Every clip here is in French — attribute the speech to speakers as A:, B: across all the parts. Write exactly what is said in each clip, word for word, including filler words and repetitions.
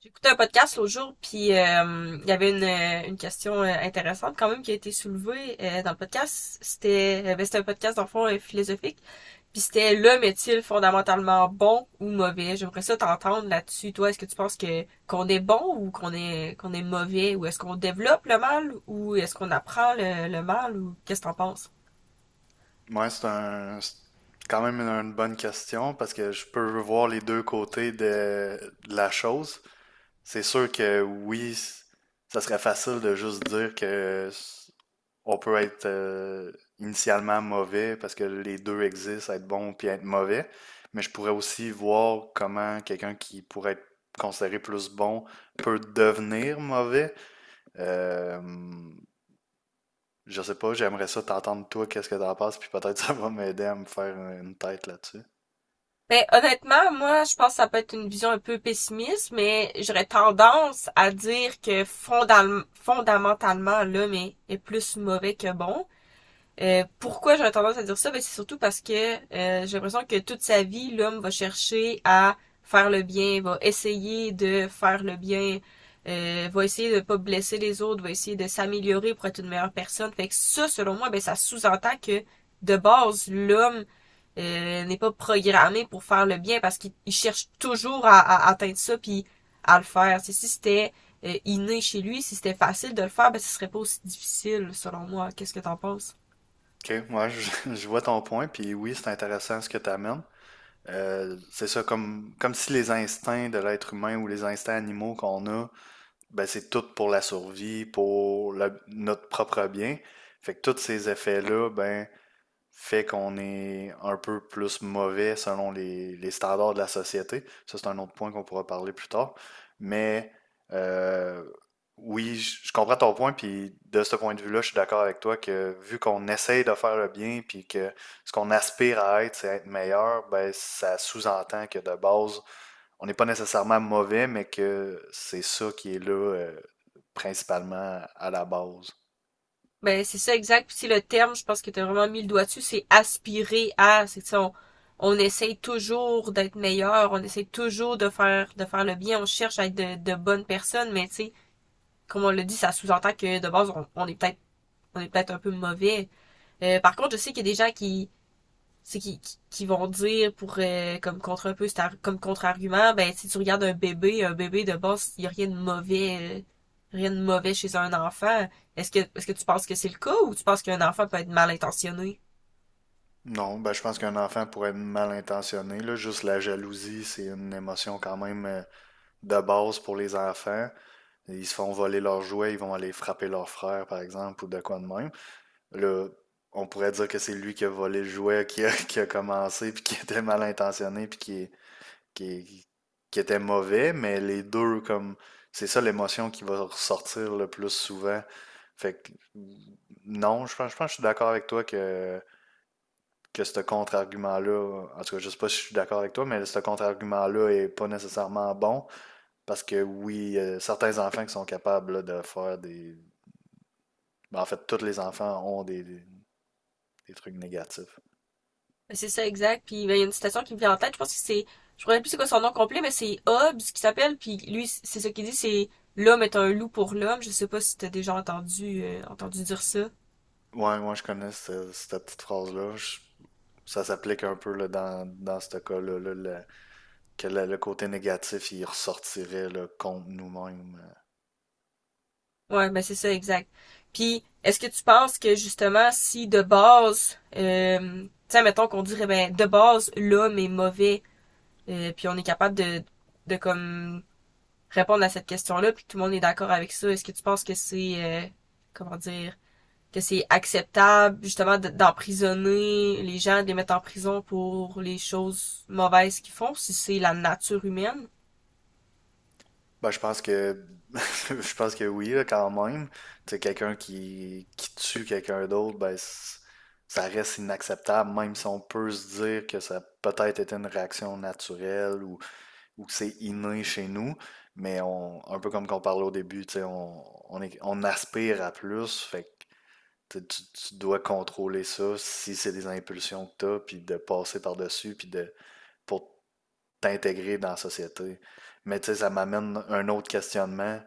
A: J'écoutais un podcast l'autre jour, puis euh, il y avait une, euh, une question euh, intéressante quand même qui a été soulevée euh, dans le podcast. C'était euh, ben, c'était un podcast dans le fond euh, philosophique, puis c'était l'homme est-il fondamentalement bon ou mauvais? J'aimerais ça t'entendre là-dessus. Toi, est-ce que tu penses que qu'on est bon ou qu'on est qu'on est mauvais ou est-ce qu'on développe le mal ou est-ce qu'on apprend le, le mal ou qu'est-ce que t'en penses?
B: Ouais, c'est un, c'est quand même une une bonne question parce que je peux voir les deux côtés de, de la chose. C'est sûr que oui, c- ça serait facile de juste dire que s- on peut être euh, initialement mauvais parce que les deux existent, être bon puis être mauvais. Mais je pourrais aussi voir comment quelqu'un qui pourrait être considéré plus bon peut devenir mauvais. Euh, je sais pas, j'aimerais ça t'entendre toi, qu'est-ce que t'en penses, puis peut-être ça va m'aider à me faire une tête là-dessus.
A: Ben, honnêtement, moi, je pense que ça peut être une vision un peu pessimiste, mais j'aurais tendance à dire que fondam- fondamentalement, l'homme est, est plus mauvais que bon. Euh, pourquoi j'aurais tendance à dire ça? Ben, c'est surtout parce que euh, j'ai l'impression que toute sa vie, l'homme va chercher à faire le bien, va essayer de faire le bien, euh, va essayer de ne pas blesser les autres, va essayer de s'améliorer pour être une meilleure personne. Fait que ça, selon moi, ben, ça sous-entend que de base, l'homme euh, n'est pas programmé pour faire le bien parce qu'il cherche toujours à, à atteindre ça puis à le faire. C'est si c'était euh, inné chez lui, si c'était facile de le faire, ben ce serait pas aussi difficile, selon moi. Qu'est-ce que t'en penses?
B: Ok, moi je, je vois ton point, puis oui, c'est intéressant ce que tu amènes. Euh, c'est ça, comme, comme si les instincts de l'être humain ou les instincts animaux qu'on a, ben c'est tout pour la survie, pour le- notre propre bien. Fait que tous ces effets-là, ben fait qu'on est un peu plus mauvais selon les, les standards de la société. Ça, c'est un autre point qu'on pourra parler plus tard. Mais euh, oui, je comprends ton point, puis de ce point de vue-là, je suis d'accord avec toi que vu qu'on essaye de faire le bien, puis que ce qu'on aspire à être, c'est être meilleur, ben ça sous-entend que de base, on n'est pas nécessairement mauvais, mais que c'est ça qui est là euh, principalement à la base.
A: Ben, c'est ça exact. Puis c'est le terme, je pense que tu as vraiment mis le doigt dessus, c'est aspirer à. C'est ça, on, on essaye toujours d'être meilleur, on essaye toujours de faire de faire le bien, on cherche à être de, de bonnes personnes, mais tu sais, comme on l'a dit, ça sous-entend que de base, on, on est peut-être on est peut-être un peu mauvais. Euh, par contre, je sais qu'il y a des gens qui, c'est qui, qui, qui vont dire pour euh, comme contre un peu comme contre-argument, ben si tu regardes un bébé un bébé de base, il y a rien de mauvais, euh, rien de mauvais chez un enfant. Est-ce que est-ce que tu penses que c'est le cas ou tu penses qu'un enfant peut être mal intentionné?
B: Non, ben, je pense qu'un enfant pourrait être mal intentionné, là. Juste la jalousie, c'est une émotion quand même euh, de base pour les enfants. Ils se font voler leurs jouets, ils vont aller frapper leur frère, par exemple, ou de quoi de même. Là, on pourrait dire que c'est lui qui a volé le jouet, qui a, qui a commencé, puis qui était mal intentionné, puis qui, qui, qui était mauvais, mais les deux, comme, c'est ça l'émotion qui va ressortir le plus souvent. Fait que, non, je pense, je pense que je suis d'accord avec toi que que ce contre-argument-là, en tout cas, je sais pas si je suis d'accord avec toi, mais ce contre-argument-là est pas nécessairement bon parce que oui, euh, certains enfants qui sont capables là, de faire des. Ben, en fait, tous les enfants ont des, des- des trucs négatifs.
A: Ben, c'est ça exact. Puis ben, il y a une citation qui me vient en tête. Je pense que c'est, je ne me rappelle plus c'est quoi son nom complet, mais c'est Hobbes qui s'appelle, puis lui c'est ce qu'il dit, c'est l'homme est un loup pour l'homme. Je sais pas si t'as déjà entendu euh, entendu dire ça.
B: Ouais, moi je connais ce- cette petite phrase-là. Je- Ça s'applique un peu là, dans, dans ce cas-là, là, le- que le, le côté négatif il ressortirait là, contre nous-mêmes. euh,
A: Ouais, ben c'est ça, exact. Puis, est-ce que tu penses que justement, si de base, euh, tiens, mettons qu'on dirait, ben, de base, l'homme est mauvais, euh, puis on est capable de, de comme répondre à cette question-là, puis que tout le monde est d'accord avec ça, est-ce que tu penses que c'est, euh, comment dire, que c'est acceptable justement de- d'emprisonner les gens, de les mettre en prison pour les choses mauvaises qu'ils font, si c'est la nature humaine?
B: Ben, je pense que je pense que oui, là, quand même. Tu sais, quelqu'un qui, qui tue quelqu'un d'autre, ben c- ça reste inacceptable, même si on peut se dire que ça a peut-être été une réaction naturelle ou, ou que c'est inné chez nous. Mais on, un peu comme qu'on parlait au début, tu sais, on, on, est- on aspire à plus, fait que tu, sais, tu- tu dois contrôler ça si c'est des impulsions que tu as, puis de passer par-dessus, puis de pour t'intégrer dans la société. Mais tu sais, ça m'amène un autre questionnement.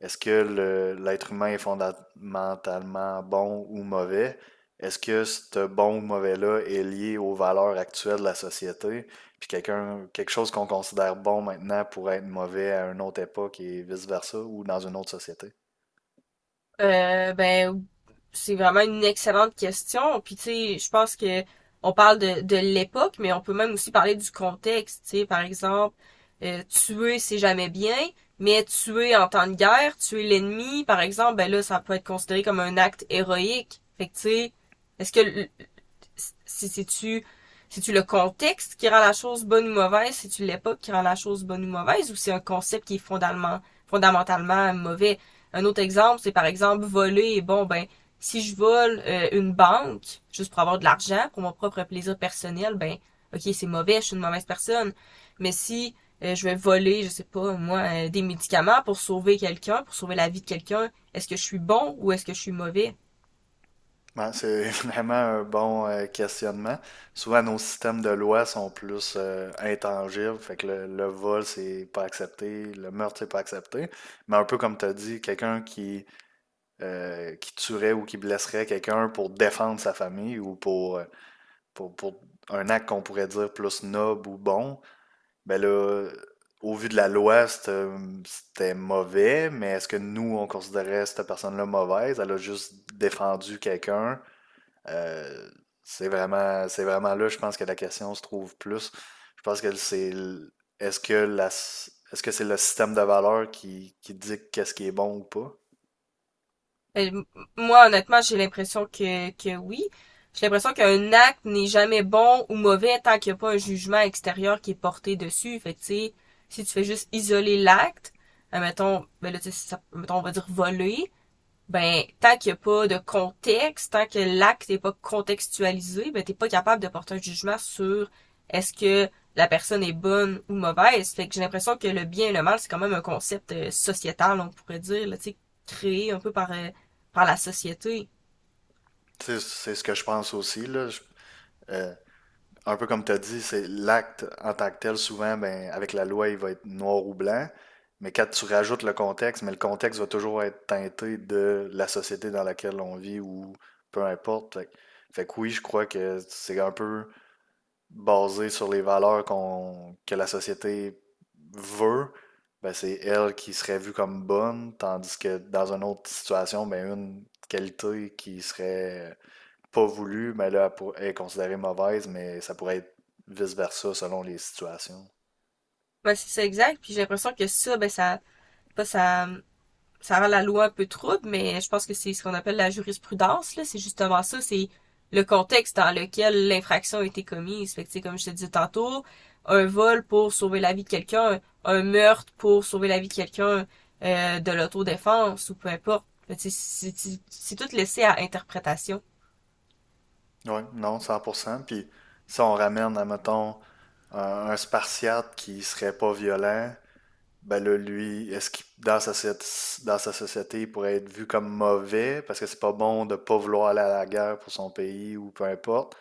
B: Est-ce que le- l'être humain est fondamentalement bon ou mauvais? Est-ce que ce bon ou mauvais-là est lié aux valeurs actuelles de la société? Puis quelqu'un, quelque chose qu'on considère bon maintenant pourrait être mauvais à une autre époque et vice-versa ou dans une autre société?
A: Euh, ben c'est vraiment une excellente question. Puis tu sais, je pense que on parle de, de l'époque, mais on peut même aussi parler du contexte. Tu sais, par exemple, euh, tuer c'est jamais bien, mais tuer en temps de guerre, tuer l'ennemi, par exemple, ben là, ça peut être considéré comme un acte héroïque. Fait que tu sais, est-ce que si c'est-tu c'est-tu le contexte qui rend la chose bonne ou mauvaise, c'est-tu l'époque qui rend la chose bonne ou mauvaise, ou c'est un concept qui est fondamentalement, fondamentalement mauvais? Un autre exemple, c'est par exemple voler. Bon, ben, si je vole euh, une banque, juste pour avoir de l'argent, pour mon propre plaisir personnel, ben, ok, c'est mauvais, je suis une mauvaise personne. Mais si euh, je vais voler, je sais pas, moi, euh, des médicaments pour sauver quelqu'un, pour sauver la vie de quelqu'un, est-ce que je suis bon ou est-ce que je suis mauvais?
B: Ouais, c'est vraiment un bon euh, questionnement. Souvent, nos systèmes de loi sont plus euh, intangibles, fait que le, le vol, c'est pas accepté, le meurtre, c'est pas accepté. Mais un peu comme tu as dit, quelqu'un qui, euh, qui tuerait ou qui blesserait quelqu'un pour défendre sa famille ou pour, euh, pour, pour un acte qu'on pourrait dire plus noble ou bon, ben là, au vu de la loi, c'était c'était mauvais, mais est-ce que nous, on considérait cette personne-là mauvaise? Elle a juste défendu quelqu'un euh, c'est vraiment, c'est vraiment là, je pense que la question se trouve plus. Je pense que c'est, l- est-ce que la, s- est-ce que c'est le système de valeurs qui, qui dicte qu'est-ce qui est bon ou pas?
A: Euh, m- Moi, honnêtement, j'ai l'impression que, que oui. J'ai l'impression qu'un acte n'est jamais bon ou mauvais tant qu'il n'y a pas un jugement extérieur qui est porté dessus. Fait que, tu sais, si tu fais juste isoler l'acte, euh, mettons, ben là, tu sais, ça- mettons, on va dire voler, ben tant qu'il n'y a pas de contexte, tant que l'acte n'est pas contextualisé, ben t'es pas capable de porter un jugement sur est-ce que la personne est bonne ou mauvaise. Fait que j'ai l'impression que le bien et le mal, c'est quand même un concept euh, sociétal, on pourrait dire, là, tu sais, créé un peu par, euh, par la société.
B: C'est, c'est ce que je pense aussi, là. Je- euh, un peu comme tu as dit, c'est l'acte en tant que tel, souvent, ben, avec la loi, il va être noir ou blanc. Mais quand tu rajoutes le contexte, mais le contexte va toujours être teinté de la société dans laquelle on vit ou peu importe. Fait, que fait que oui, je crois que c'est un peu basée sur les valeurs qu'on, que la société veut, ben c'est elle qui serait vue comme bonne, tandis que dans une autre situation, ben une qualité qui serait pas voulue, ben là, elle pour- est considérée mauvaise, mais ça pourrait être vice-versa selon les situations.
A: Ben c'est ça exact, puis j'ai l'impression que ça, ben ça, pas ça ça rend la loi un peu trouble, mais je pense que c'est ce qu'on appelle la jurisprudence, là. C'est justement ça, c'est le contexte dans lequel l'infraction a été commise. Fait que, comme je te disais tantôt, un vol pour sauver la vie de quelqu'un, un meurtre pour sauver la vie de quelqu'un, euh, de l'autodéfense ou peu importe. C'est tout laissé à interprétation.
B: Oui, non, cent pour cent. Puis si on ramène, admettons, un, un spartiate qui serait pas violent, ben là, lui, est-ce qu'il, dans sa, soci- dans sa société, il pourrait être vu comme mauvais parce que c'est pas bon de pas vouloir aller à la guerre pour son pays ou peu importe.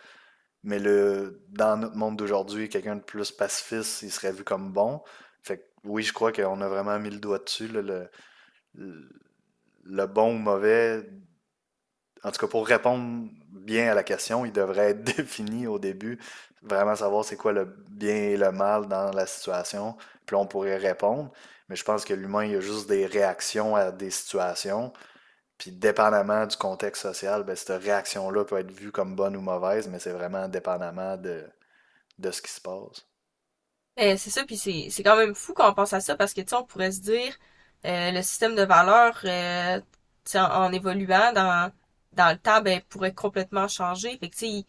B: Mais le, dans notre monde d'aujourd'hui, quelqu'un de plus pacifiste, il serait vu comme bon. Fait que oui, je crois qu'on a vraiment mis le doigt dessus, là, le, le, le bon ou mauvais en tout cas, pour répondre bien à la question, il devrait être défini au début, vraiment savoir c'est quoi le bien et le mal dans la situation, puis là, on pourrait répondre. Mais je pense que l'humain, il a juste des réactions à des situations. Puis dépendamment du contexte social, ben, cette réaction-là peut être vue comme bonne ou mauvaise, mais c'est vraiment dépendamment de, de ce qui se passe.
A: Ben, c'est ça, puis c'est c'est quand même fou quand on pense à ça parce que tu sais, on pourrait se dire euh, le système de valeurs, euh, tu sais, en, en évoluant dans dans le temps, ben pourrait complètement changer. Fait que tu sais, il-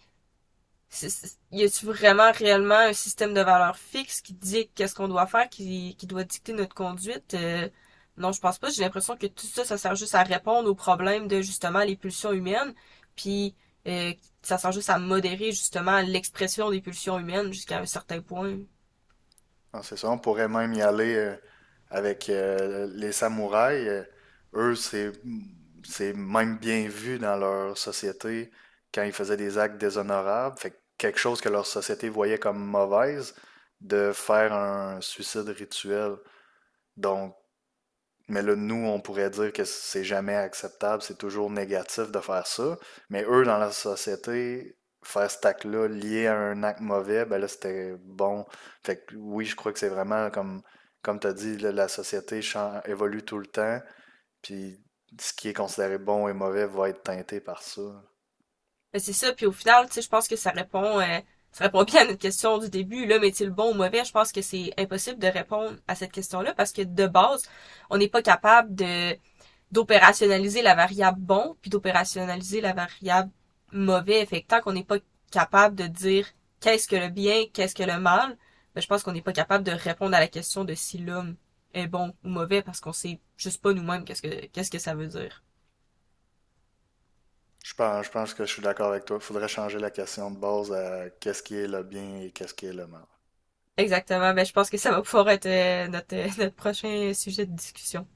A: c'est- c'est- y a-tu vraiment réellement un système de valeurs fixe qui dit qu'est-ce qu'on doit faire, qui qui doit dicter notre conduite? Euh, Non, je pense pas. J'ai l'impression que tout ça, ça sert juste à répondre aux problèmes de justement les pulsions humaines, puis euh, ça sert juste à modérer justement l'expression des pulsions humaines jusqu'à un certain point.
B: Non, c'est ça, on pourrait même y aller euh, avec euh, les samouraïs. Euh, eux, c'est c'est même bien vu dans leur société quand ils faisaient des actes déshonorables. Fait que quelque chose que leur société voyait comme mauvaise, de faire un suicide rituel. Donc, mais là, nous, on pourrait dire que c'est jamais acceptable, c'est toujours négatif de faire ça. Mais eux, dans la société, faire cet acte-là lié à un acte mauvais, ben là, c'était bon. Fait que oui, je crois que c'est vraiment comme, comme tu as dit, là, la société chan- évolue tout le temps. Puis ce qui est considéré bon et mauvais va être teinté par ça.
A: Ben, c'est ça, puis au final, tu sais, je pense que ça répond, euh, ça répond bien à notre question du début, l'homme est-il bon ou mauvais? Je pense que c'est impossible de répondre à cette question-là parce que de base, on n'est pas capable de d'opérationnaliser la variable bon puis d'opérationnaliser la variable mauvais. Fait que tant qu'on n'est pas capable de dire qu'est-ce que le bien, qu'est-ce que le mal, ben, je pense qu'on n'est pas capable de répondre à la question de si l'homme est bon ou mauvais parce qu'on sait juste pas nous-mêmes qu'est-ce que qu'est-ce que ça veut dire.
B: Je pense, je pense que je suis d'accord avec toi. Il faudrait changer la question de base à qu'est-ce qui est le bien et qu'est-ce qui est le mal.
A: Exactement. Ben, je pense que ça va pouvoir être euh, notre, euh, notre prochain sujet de discussion.